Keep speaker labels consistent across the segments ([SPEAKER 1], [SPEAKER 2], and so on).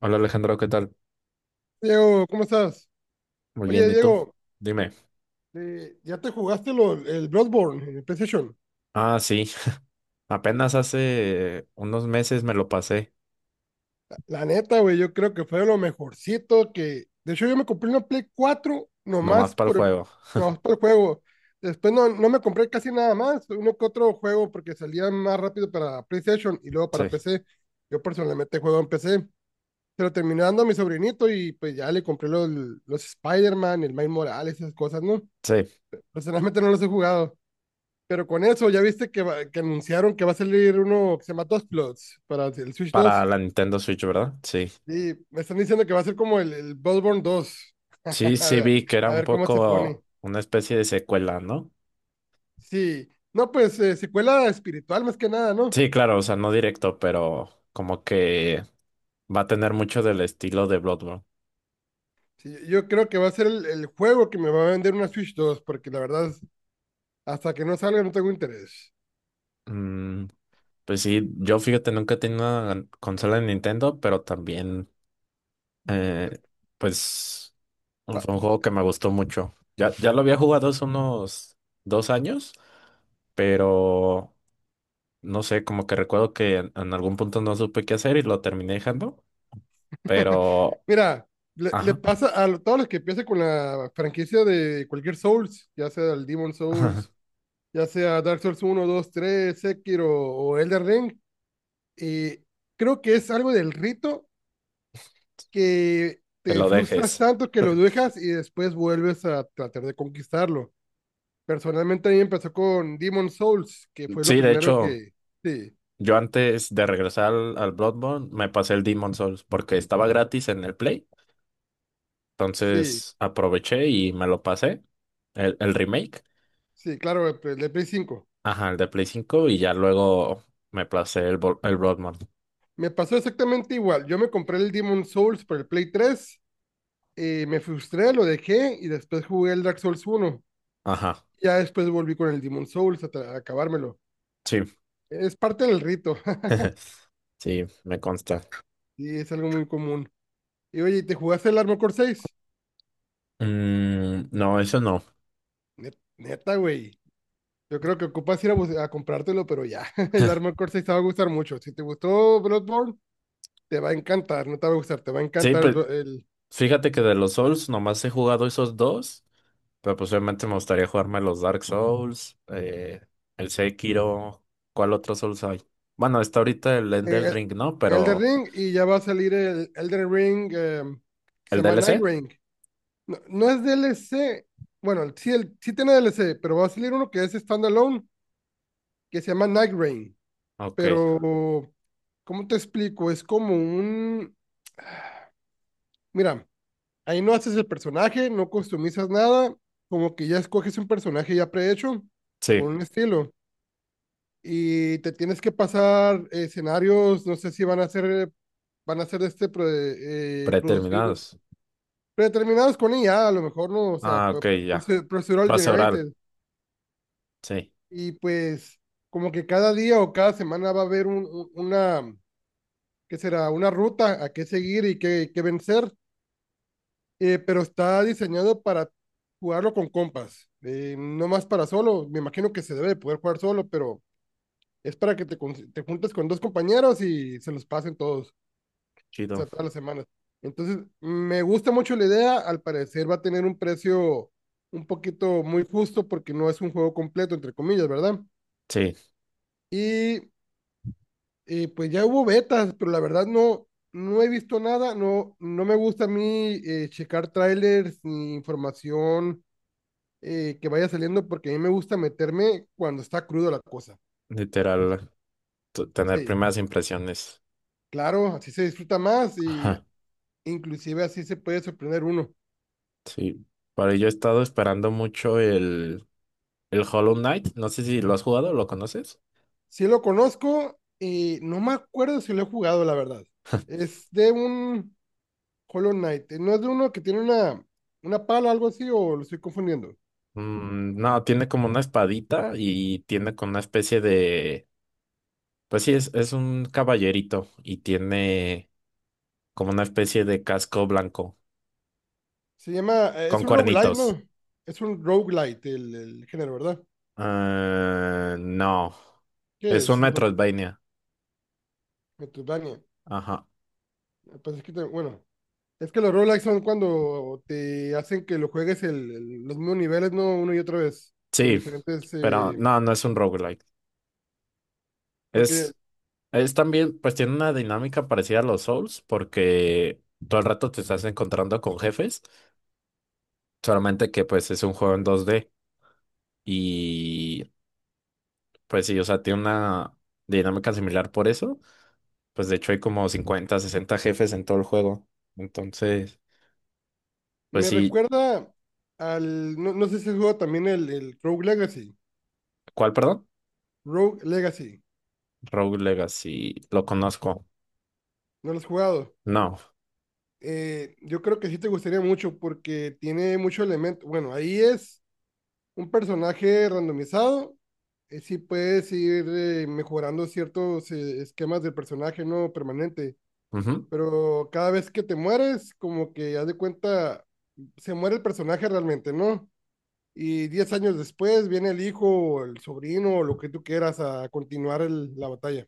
[SPEAKER 1] Hola Alejandro, ¿qué tal?
[SPEAKER 2] Diego, ¿cómo estás?
[SPEAKER 1] Muy
[SPEAKER 2] Oye,
[SPEAKER 1] bien, ¿y tú?
[SPEAKER 2] Diego,
[SPEAKER 1] Dime.
[SPEAKER 2] ¿ya te jugaste el Bloodborne en el PlayStation?
[SPEAKER 1] Ah, sí, apenas hace unos meses me lo pasé,
[SPEAKER 2] La neta, güey, yo creo que fue lo mejorcito que... De hecho, yo me compré una Play 4
[SPEAKER 1] nomás para el juego.
[SPEAKER 2] nomás por el juego. Después no me compré casi nada más, uno que otro juego porque salía más rápido para PlayStation y luego
[SPEAKER 1] Sí,
[SPEAKER 2] para PC. Yo personalmente juego en PC, pero terminé dando a mi sobrinito y pues ya le compré los Spider-Man, el Miles Morales, esas cosas, ¿no?
[SPEAKER 1] sí,
[SPEAKER 2] Personalmente no los he jugado. Pero con eso, ya viste que, que anunciaron que va a salir uno que se llama Dustblood para el Switch
[SPEAKER 1] para
[SPEAKER 2] dos
[SPEAKER 1] la Nintendo Switch, ¿verdad? Sí.
[SPEAKER 2] Sí me están diciendo que va a ser como el Bloodborne 2.
[SPEAKER 1] Sí,
[SPEAKER 2] A
[SPEAKER 1] sí
[SPEAKER 2] ver,
[SPEAKER 1] vi que era
[SPEAKER 2] a
[SPEAKER 1] un
[SPEAKER 2] ver cómo se pone.
[SPEAKER 1] poco una especie de secuela, ¿no?
[SPEAKER 2] Sí, no, pues secuela espiritual más que nada, ¿no?
[SPEAKER 1] Sí, claro, o sea, no directo, pero como que va a tener mucho del estilo de Bloodborne.
[SPEAKER 2] Sí, yo creo que va a ser el juego que me va a vender una Switch 2, porque la verdad, hasta que no salga no tengo interés.
[SPEAKER 1] Mm, pues sí, yo, fíjate, nunca he tenido una consola de Nintendo, pero también, Eh, pues fue un juego que me gustó mucho. Ya, ya lo había jugado hace unos 2 años, pero no sé, como que recuerdo que en algún punto no supe qué hacer y lo terminé dejando, pero
[SPEAKER 2] Mira, le
[SPEAKER 1] ajá.
[SPEAKER 2] pasa a todos los que empiezan con la franquicia de cualquier Souls, ya sea el Demon Souls, ya sea Dark Souls 1, 2, 3 Sekiro o Elden Ring. Y creo que es algo del rito, que
[SPEAKER 1] Que
[SPEAKER 2] te
[SPEAKER 1] lo
[SPEAKER 2] frustras
[SPEAKER 1] dejes.
[SPEAKER 2] tanto que lo dejas y después vuelves a tratar de conquistarlo. Personalmente a mí empezó con Demon Souls, que fue lo
[SPEAKER 1] Sí, de
[SPEAKER 2] primero
[SPEAKER 1] hecho,
[SPEAKER 2] que... Sí,
[SPEAKER 1] yo antes de regresar al Bloodborne me pasé el Demon Souls porque estaba gratis en el Play,
[SPEAKER 2] sí,
[SPEAKER 1] entonces aproveché y me lo pasé, el remake.
[SPEAKER 2] sí, claro, el de Play 5.
[SPEAKER 1] Ajá, el de Play 5 y ya luego me placé el Broadman.
[SPEAKER 2] Me pasó exactamente igual. Yo me compré el Demon Souls por el Play 3. Me frustré, lo dejé y después jugué el Dark Souls 1.
[SPEAKER 1] Ajá,
[SPEAKER 2] Ya después volví con el Demon Souls a, a acabármelo.
[SPEAKER 1] sí.
[SPEAKER 2] Es parte del rito.
[SPEAKER 1] Sí, me consta.
[SPEAKER 2] Y es algo muy común. Y oye, ¿te jugaste el Armor Core 6?
[SPEAKER 1] Mm, no, eso no.
[SPEAKER 2] Neta, güey. Yo creo que ocupas ir a comprártelo, pero ya. El Armor Core 6 te va a gustar mucho. Si te gustó Bloodborne, te va a encantar. No te va a gustar, te va a
[SPEAKER 1] Sí,
[SPEAKER 2] encantar el,
[SPEAKER 1] pues
[SPEAKER 2] Blo- el,
[SPEAKER 1] fíjate que de los Souls nomás he jugado esos dos, pero pues obviamente me gustaría jugarme los Dark Souls, el Sekiro. ¿Cuál otro Souls hay? Bueno, está ahorita el Elden
[SPEAKER 2] eh,
[SPEAKER 1] Ring, ¿no?
[SPEAKER 2] Elden
[SPEAKER 1] Pero
[SPEAKER 2] Ring. Y ya va a salir el Elden Ring, que se
[SPEAKER 1] ¿el
[SPEAKER 2] llama Night
[SPEAKER 1] DLC?
[SPEAKER 2] Ring. No, no es DLC. Bueno, sí, sí tiene DLC, pero va a salir uno que es standalone, que se llama Night Rain.
[SPEAKER 1] Ok,
[SPEAKER 2] Pero ¿cómo te explico? Es como un, mira, ahí no haces el personaje, no customizas nada, como que ya escoges un personaje ya prehecho,
[SPEAKER 1] sí,
[SPEAKER 2] con un estilo, y te tienes que pasar escenarios. No sé si van a ser, van a ser este producidos,
[SPEAKER 1] preterminados.
[SPEAKER 2] predeterminados con IA, a lo mejor no, o sea,
[SPEAKER 1] Ah, ok, ya.
[SPEAKER 2] procedural
[SPEAKER 1] Plaza
[SPEAKER 2] generated.
[SPEAKER 1] oral, sí,
[SPEAKER 2] Y pues como que cada día o cada semana va a haber una, ¿qué será? Una ruta a qué seguir y qué vencer. Pero está diseñado para jugarlo con compas, no más para solo. Me imagino que se debe de poder jugar solo, pero es para que te, te juntes con dos compañeros y se los pasen todos, o
[SPEAKER 1] chido.
[SPEAKER 2] sea, todas las semanas. Entonces, me gusta mucho la idea. Al parecer va a tener un precio un poquito muy justo, porque no es un juego completo, entre comillas, ¿verdad?
[SPEAKER 1] Sí.
[SPEAKER 2] Y pues ya hubo betas, pero la verdad no, no he visto nada. No, no me gusta a mí checar trailers ni información que vaya saliendo, porque a mí me gusta meterme cuando está crudo la cosa.
[SPEAKER 1] Literal, tener
[SPEAKER 2] Sí,
[SPEAKER 1] primeras impresiones.
[SPEAKER 2] claro, así se disfruta más, y
[SPEAKER 1] Ajá,
[SPEAKER 2] inclusive así se puede sorprender uno.
[SPEAKER 1] sí. Pero yo he estado esperando mucho el Hollow Knight. No sé si lo has jugado, ¿lo conoces?
[SPEAKER 2] Si lo conozco, no me acuerdo si lo he jugado, la verdad. Es de un Hollow Knight, no es de uno que tiene una pala o algo así, o lo estoy confundiendo.
[SPEAKER 1] Mm, no, tiene como una espadita y tiene como una especie de... Pues sí, es un caballerito y tiene como una especie de casco blanco
[SPEAKER 2] Se llama,
[SPEAKER 1] con
[SPEAKER 2] es un roguelite,
[SPEAKER 1] cuernitos.
[SPEAKER 2] ¿no? Es un roguelite el género, ¿verdad?
[SPEAKER 1] Ah, no,
[SPEAKER 2] ¿Qué
[SPEAKER 1] es un
[SPEAKER 2] es entonces?
[SPEAKER 1] Metroidvania.
[SPEAKER 2] Metroidvania.
[SPEAKER 1] Ajá,
[SPEAKER 2] Ah, pues es que, bueno, es que los roguelikes son cuando te hacen que lo juegues los mismos niveles, ¿no? Uno y otra vez, con
[SPEAKER 1] sí,
[SPEAKER 2] diferentes...
[SPEAKER 1] pero no, no es un roguelike.
[SPEAKER 2] porque
[SPEAKER 1] Es Es también, pues tiene una dinámica parecida a los Souls, porque todo el rato te estás encontrando con jefes, solamente que pues es un juego en 2D, y pues sí, o sea, tiene una dinámica similar por eso, pues de hecho hay como 50 60 jefes en todo el juego, entonces, pues
[SPEAKER 2] me
[SPEAKER 1] sí.
[SPEAKER 2] recuerda al... No, no sé si has jugado también el Rogue Legacy.
[SPEAKER 1] ¿Cuál, perdón?
[SPEAKER 2] Rogue Legacy.
[SPEAKER 1] Rogue Legacy, lo conozco.
[SPEAKER 2] ¿No lo has jugado?
[SPEAKER 1] No.
[SPEAKER 2] Yo creo que sí te gustaría mucho, porque tiene mucho elemento. Bueno, ahí es un personaje randomizado. Sí puedes ir mejorando ciertos esquemas del personaje, ¿no? Permanente,
[SPEAKER 1] Ujú.
[SPEAKER 2] pero cada vez que te mueres, como que haz de cuenta, se muere el personaje realmente, ¿no? Y 10 años después viene el hijo, o el sobrino, o lo que tú quieras, a continuar la batalla.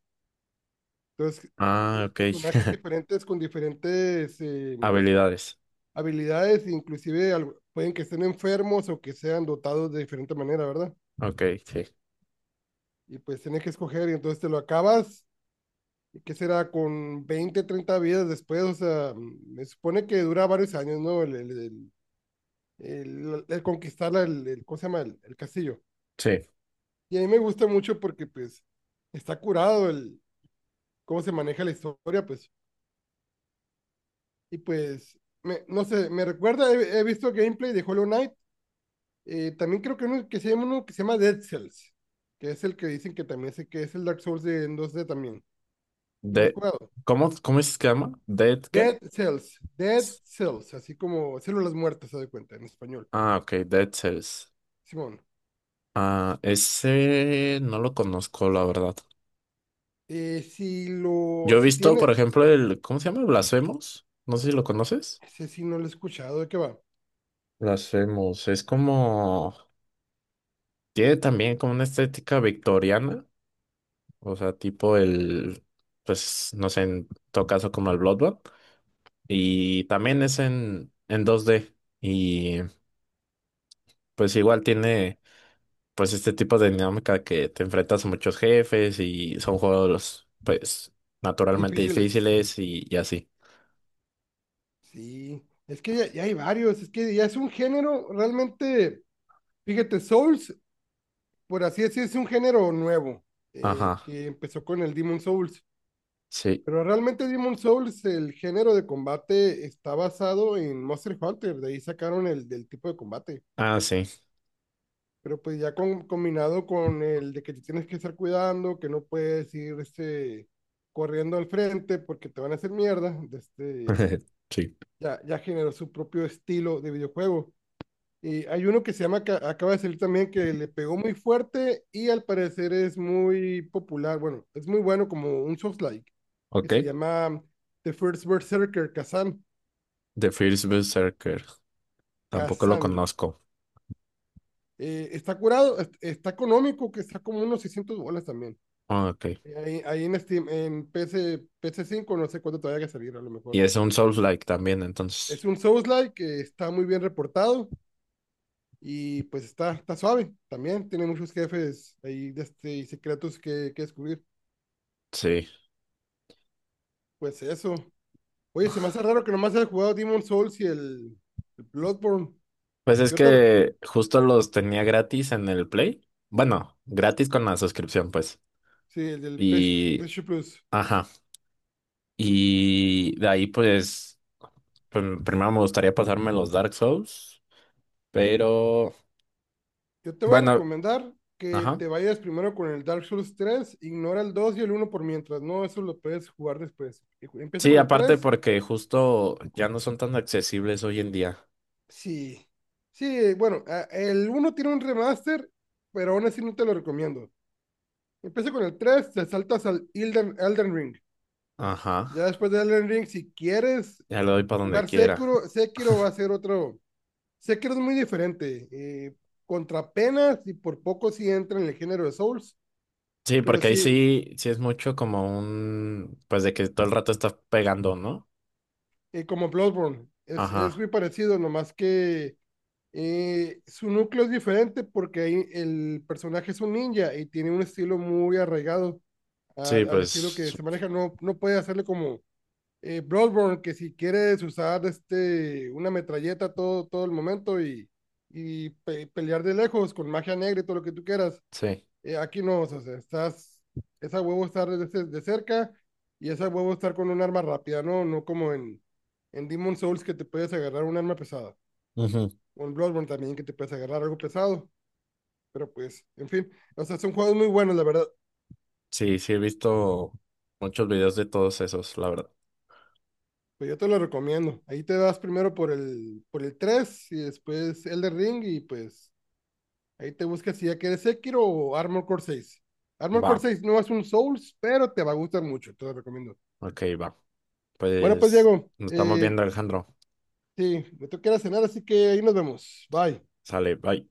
[SPEAKER 2] Entonces,
[SPEAKER 1] Ah,
[SPEAKER 2] tienes
[SPEAKER 1] ok.
[SPEAKER 2] personajes diferentes con diferentes
[SPEAKER 1] Habilidades,
[SPEAKER 2] habilidades, inclusive pueden que estén enfermos o que sean dotados de diferente manera, ¿verdad?
[SPEAKER 1] ok, sí.
[SPEAKER 2] Y pues tienes que escoger, y entonces te lo acabas. ¿Y qué será? Con 20 30 vidas después, o sea, me supone que dura varios años, ¿no? El conquistar el ¿cómo se llama? El castillo.
[SPEAKER 1] Sí.
[SPEAKER 2] Y a mí me gusta mucho, porque pues está curado el cómo se maneja la historia, pues. Y pues, no sé, me recuerda, he visto gameplay de Hollow Knight. También creo que, uno que se llama Dead Cells, que es el que dicen que también sé que es el Dark Souls en 2D también. ¿No lo has
[SPEAKER 1] De,
[SPEAKER 2] jugado?
[SPEAKER 1] ¿cómo es que se llama? ¿Dead qué?
[SPEAKER 2] Dead Cells, Dead Cells, así como células muertas, se da cuenta, en español.
[SPEAKER 1] Ah, ok, Dead Cells.
[SPEAKER 2] Simón.
[SPEAKER 1] Ah, ese no lo conozco, la verdad.
[SPEAKER 2] Si lo,
[SPEAKER 1] Yo he
[SPEAKER 2] si
[SPEAKER 1] visto, por
[SPEAKER 2] tiene,
[SPEAKER 1] ejemplo, el, ¿cómo se llama? Blasphemous. No sé si lo conoces.
[SPEAKER 2] no sé, si no lo he escuchado, ¿de qué va?
[SPEAKER 1] Blasphemous. Es como, tiene también como una estética victoriana. O sea, tipo el, pues, no sé, en todo caso como el Bloodborne. Y también es en 2D. Y pues igual tiene pues este tipo de dinámica que te enfrentas a muchos jefes y son juegos pues naturalmente
[SPEAKER 2] Difíciles.
[SPEAKER 1] difíciles y así.
[SPEAKER 2] Sí. Es que ya, ya hay varios. Es que ya es un género realmente. Fíjate, Souls, por así decir, es un género nuevo
[SPEAKER 1] Ajá,
[SPEAKER 2] que empezó con el Demon Souls.
[SPEAKER 1] sí.
[SPEAKER 2] Pero realmente Demon Souls, el género de combate está basado en Monster Hunter. De ahí sacaron el del tipo de combate.
[SPEAKER 1] Ah, sí.
[SPEAKER 2] Pero pues ya combinado con el de que te tienes que estar cuidando, que no puedes ir este, corriendo al frente, porque te van a hacer mierda.
[SPEAKER 1] Sí.
[SPEAKER 2] Ya, ya generó su propio estilo de videojuego. Y hay uno que se llama, que acaba de salir también, que le pegó muy fuerte y al parecer es muy popular. Bueno, es muy bueno como un soft like, que
[SPEAKER 1] Ok.
[SPEAKER 2] se llama The First Berserker, Kazan.
[SPEAKER 1] The First Berserker. Tampoco lo
[SPEAKER 2] Kazan.
[SPEAKER 1] conozco.
[SPEAKER 2] Está curado, está económico, que está como unos 600 bolas también.
[SPEAKER 1] Ah, ok.
[SPEAKER 2] Ahí, ahí en Steam, en P C, P C cinco no sé cuánto todavía hay que salir, a lo
[SPEAKER 1] Y
[SPEAKER 2] mejor.
[SPEAKER 1] es un Souls-like también, entonces.
[SPEAKER 2] Es un Souls-like que está muy bien reportado, y pues está, está suave también. Tiene muchos jefes ahí de este, y secretos que descubrir.
[SPEAKER 1] Sí.
[SPEAKER 2] Pues eso. Oye, se me hace raro que nomás haya jugado Demon's Souls y el Bloodborne.
[SPEAKER 1] Pues es
[SPEAKER 2] Yo te,
[SPEAKER 1] que justo los tenía gratis en el Play. Bueno, gratis con la suscripción, pues.
[SPEAKER 2] sí, el del PS,
[SPEAKER 1] Y.
[SPEAKER 2] PS Plus.
[SPEAKER 1] Ajá. Y de ahí, pues, primero me gustaría pasarme los Dark Souls, pero
[SPEAKER 2] Yo te voy a
[SPEAKER 1] bueno,
[SPEAKER 2] recomendar que
[SPEAKER 1] ajá.
[SPEAKER 2] te vayas primero con el Dark Souls 3. Ignora el 2 y el uno por mientras, no, eso lo puedes jugar después. Y empieza
[SPEAKER 1] Sí,
[SPEAKER 2] con el
[SPEAKER 1] aparte
[SPEAKER 2] tres.
[SPEAKER 1] porque justo ya no son tan accesibles hoy en día.
[SPEAKER 2] Sí, Sí, bueno, el uno tiene un remaster, pero aún así no te lo recomiendo. Empieza con el tres, te saltas al Elden, Elden Ring.
[SPEAKER 1] Ajá.
[SPEAKER 2] Ya después de Elden Ring, si quieres
[SPEAKER 1] Ya le doy para donde
[SPEAKER 2] jugar
[SPEAKER 1] quiera.
[SPEAKER 2] Sekiro, Sekiro va a ser otro. Sé que eres muy diferente. Contra penas y por poco sí entra en el género de Souls,
[SPEAKER 1] Sí,
[SPEAKER 2] pero
[SPEAKER 1] porque ahí
[SPEAKER 2] sí,
[SPEAKER 1] sí, sí es mucho como un, pues de que todo el rato estás pegando, ¿no?
[SPEAKER 2] como Bloodborne, es
[SPEAKER 1] Ajá.
[SPEAKER 2] muy parecido, nomás que su núcleo es diferente, porque ahí el personaje es un ninja y tiene un estilo muy arraigado
[SPEAKER 1] Sí,
[SPEAKER 2] al estilo que
[SPEAKER 1] pues
[SPEAKER 2] se maneja. No, no puede hacerle como Bloodborne, que si quieres usar una metralleta todo el momento, y y pelear de lejos con magia negra y todo lo que tú quieras.
[SPEAKER 1] sí.
[SPEAKER 2] Aquí no, o sea, esa huevo estar de cerca, y esa huevo estar con un arma rápida, ¿no? No como en, Demon Souls, que te puedes agarrar un arma pesada,
[SPEAKER 1] Ujú.
[SPEAKER 2] o en Bloodborne también, que te puedes agarrar algo pesado, pero pues, en fin, o sea, son juegos muy buenos, la verdad.
[SPEAKER 1] Sí, sí he visto muchos videos de todos esos, la verdad.
[SPEAKER 2] Pues yo te lo recomiendo. Ahí te vas primero por el tres, y después Elder Ring, y pues ahí te buscas si ya quieres Sekiro o Armor Core 6. Armor
[SPEAKER 1] Va,
[SPEAKER 2] Core seis no es un Souls, pero te va a gustar mucho, te lo recomiendo.
[SPEAKER 1] ok, va.
[SPEAKER 2] Bueno, pues
[SPEAKER 1] Pues
[SPEAKER 2] Diego,
[SPEAKER 1] nos estamos viendo, Alejandro.
[SPEAKER 2] sí, me tengo que ir a cenar, así que ahí nos vemos. Bye.
[SPEAKER 1] Sale, bye.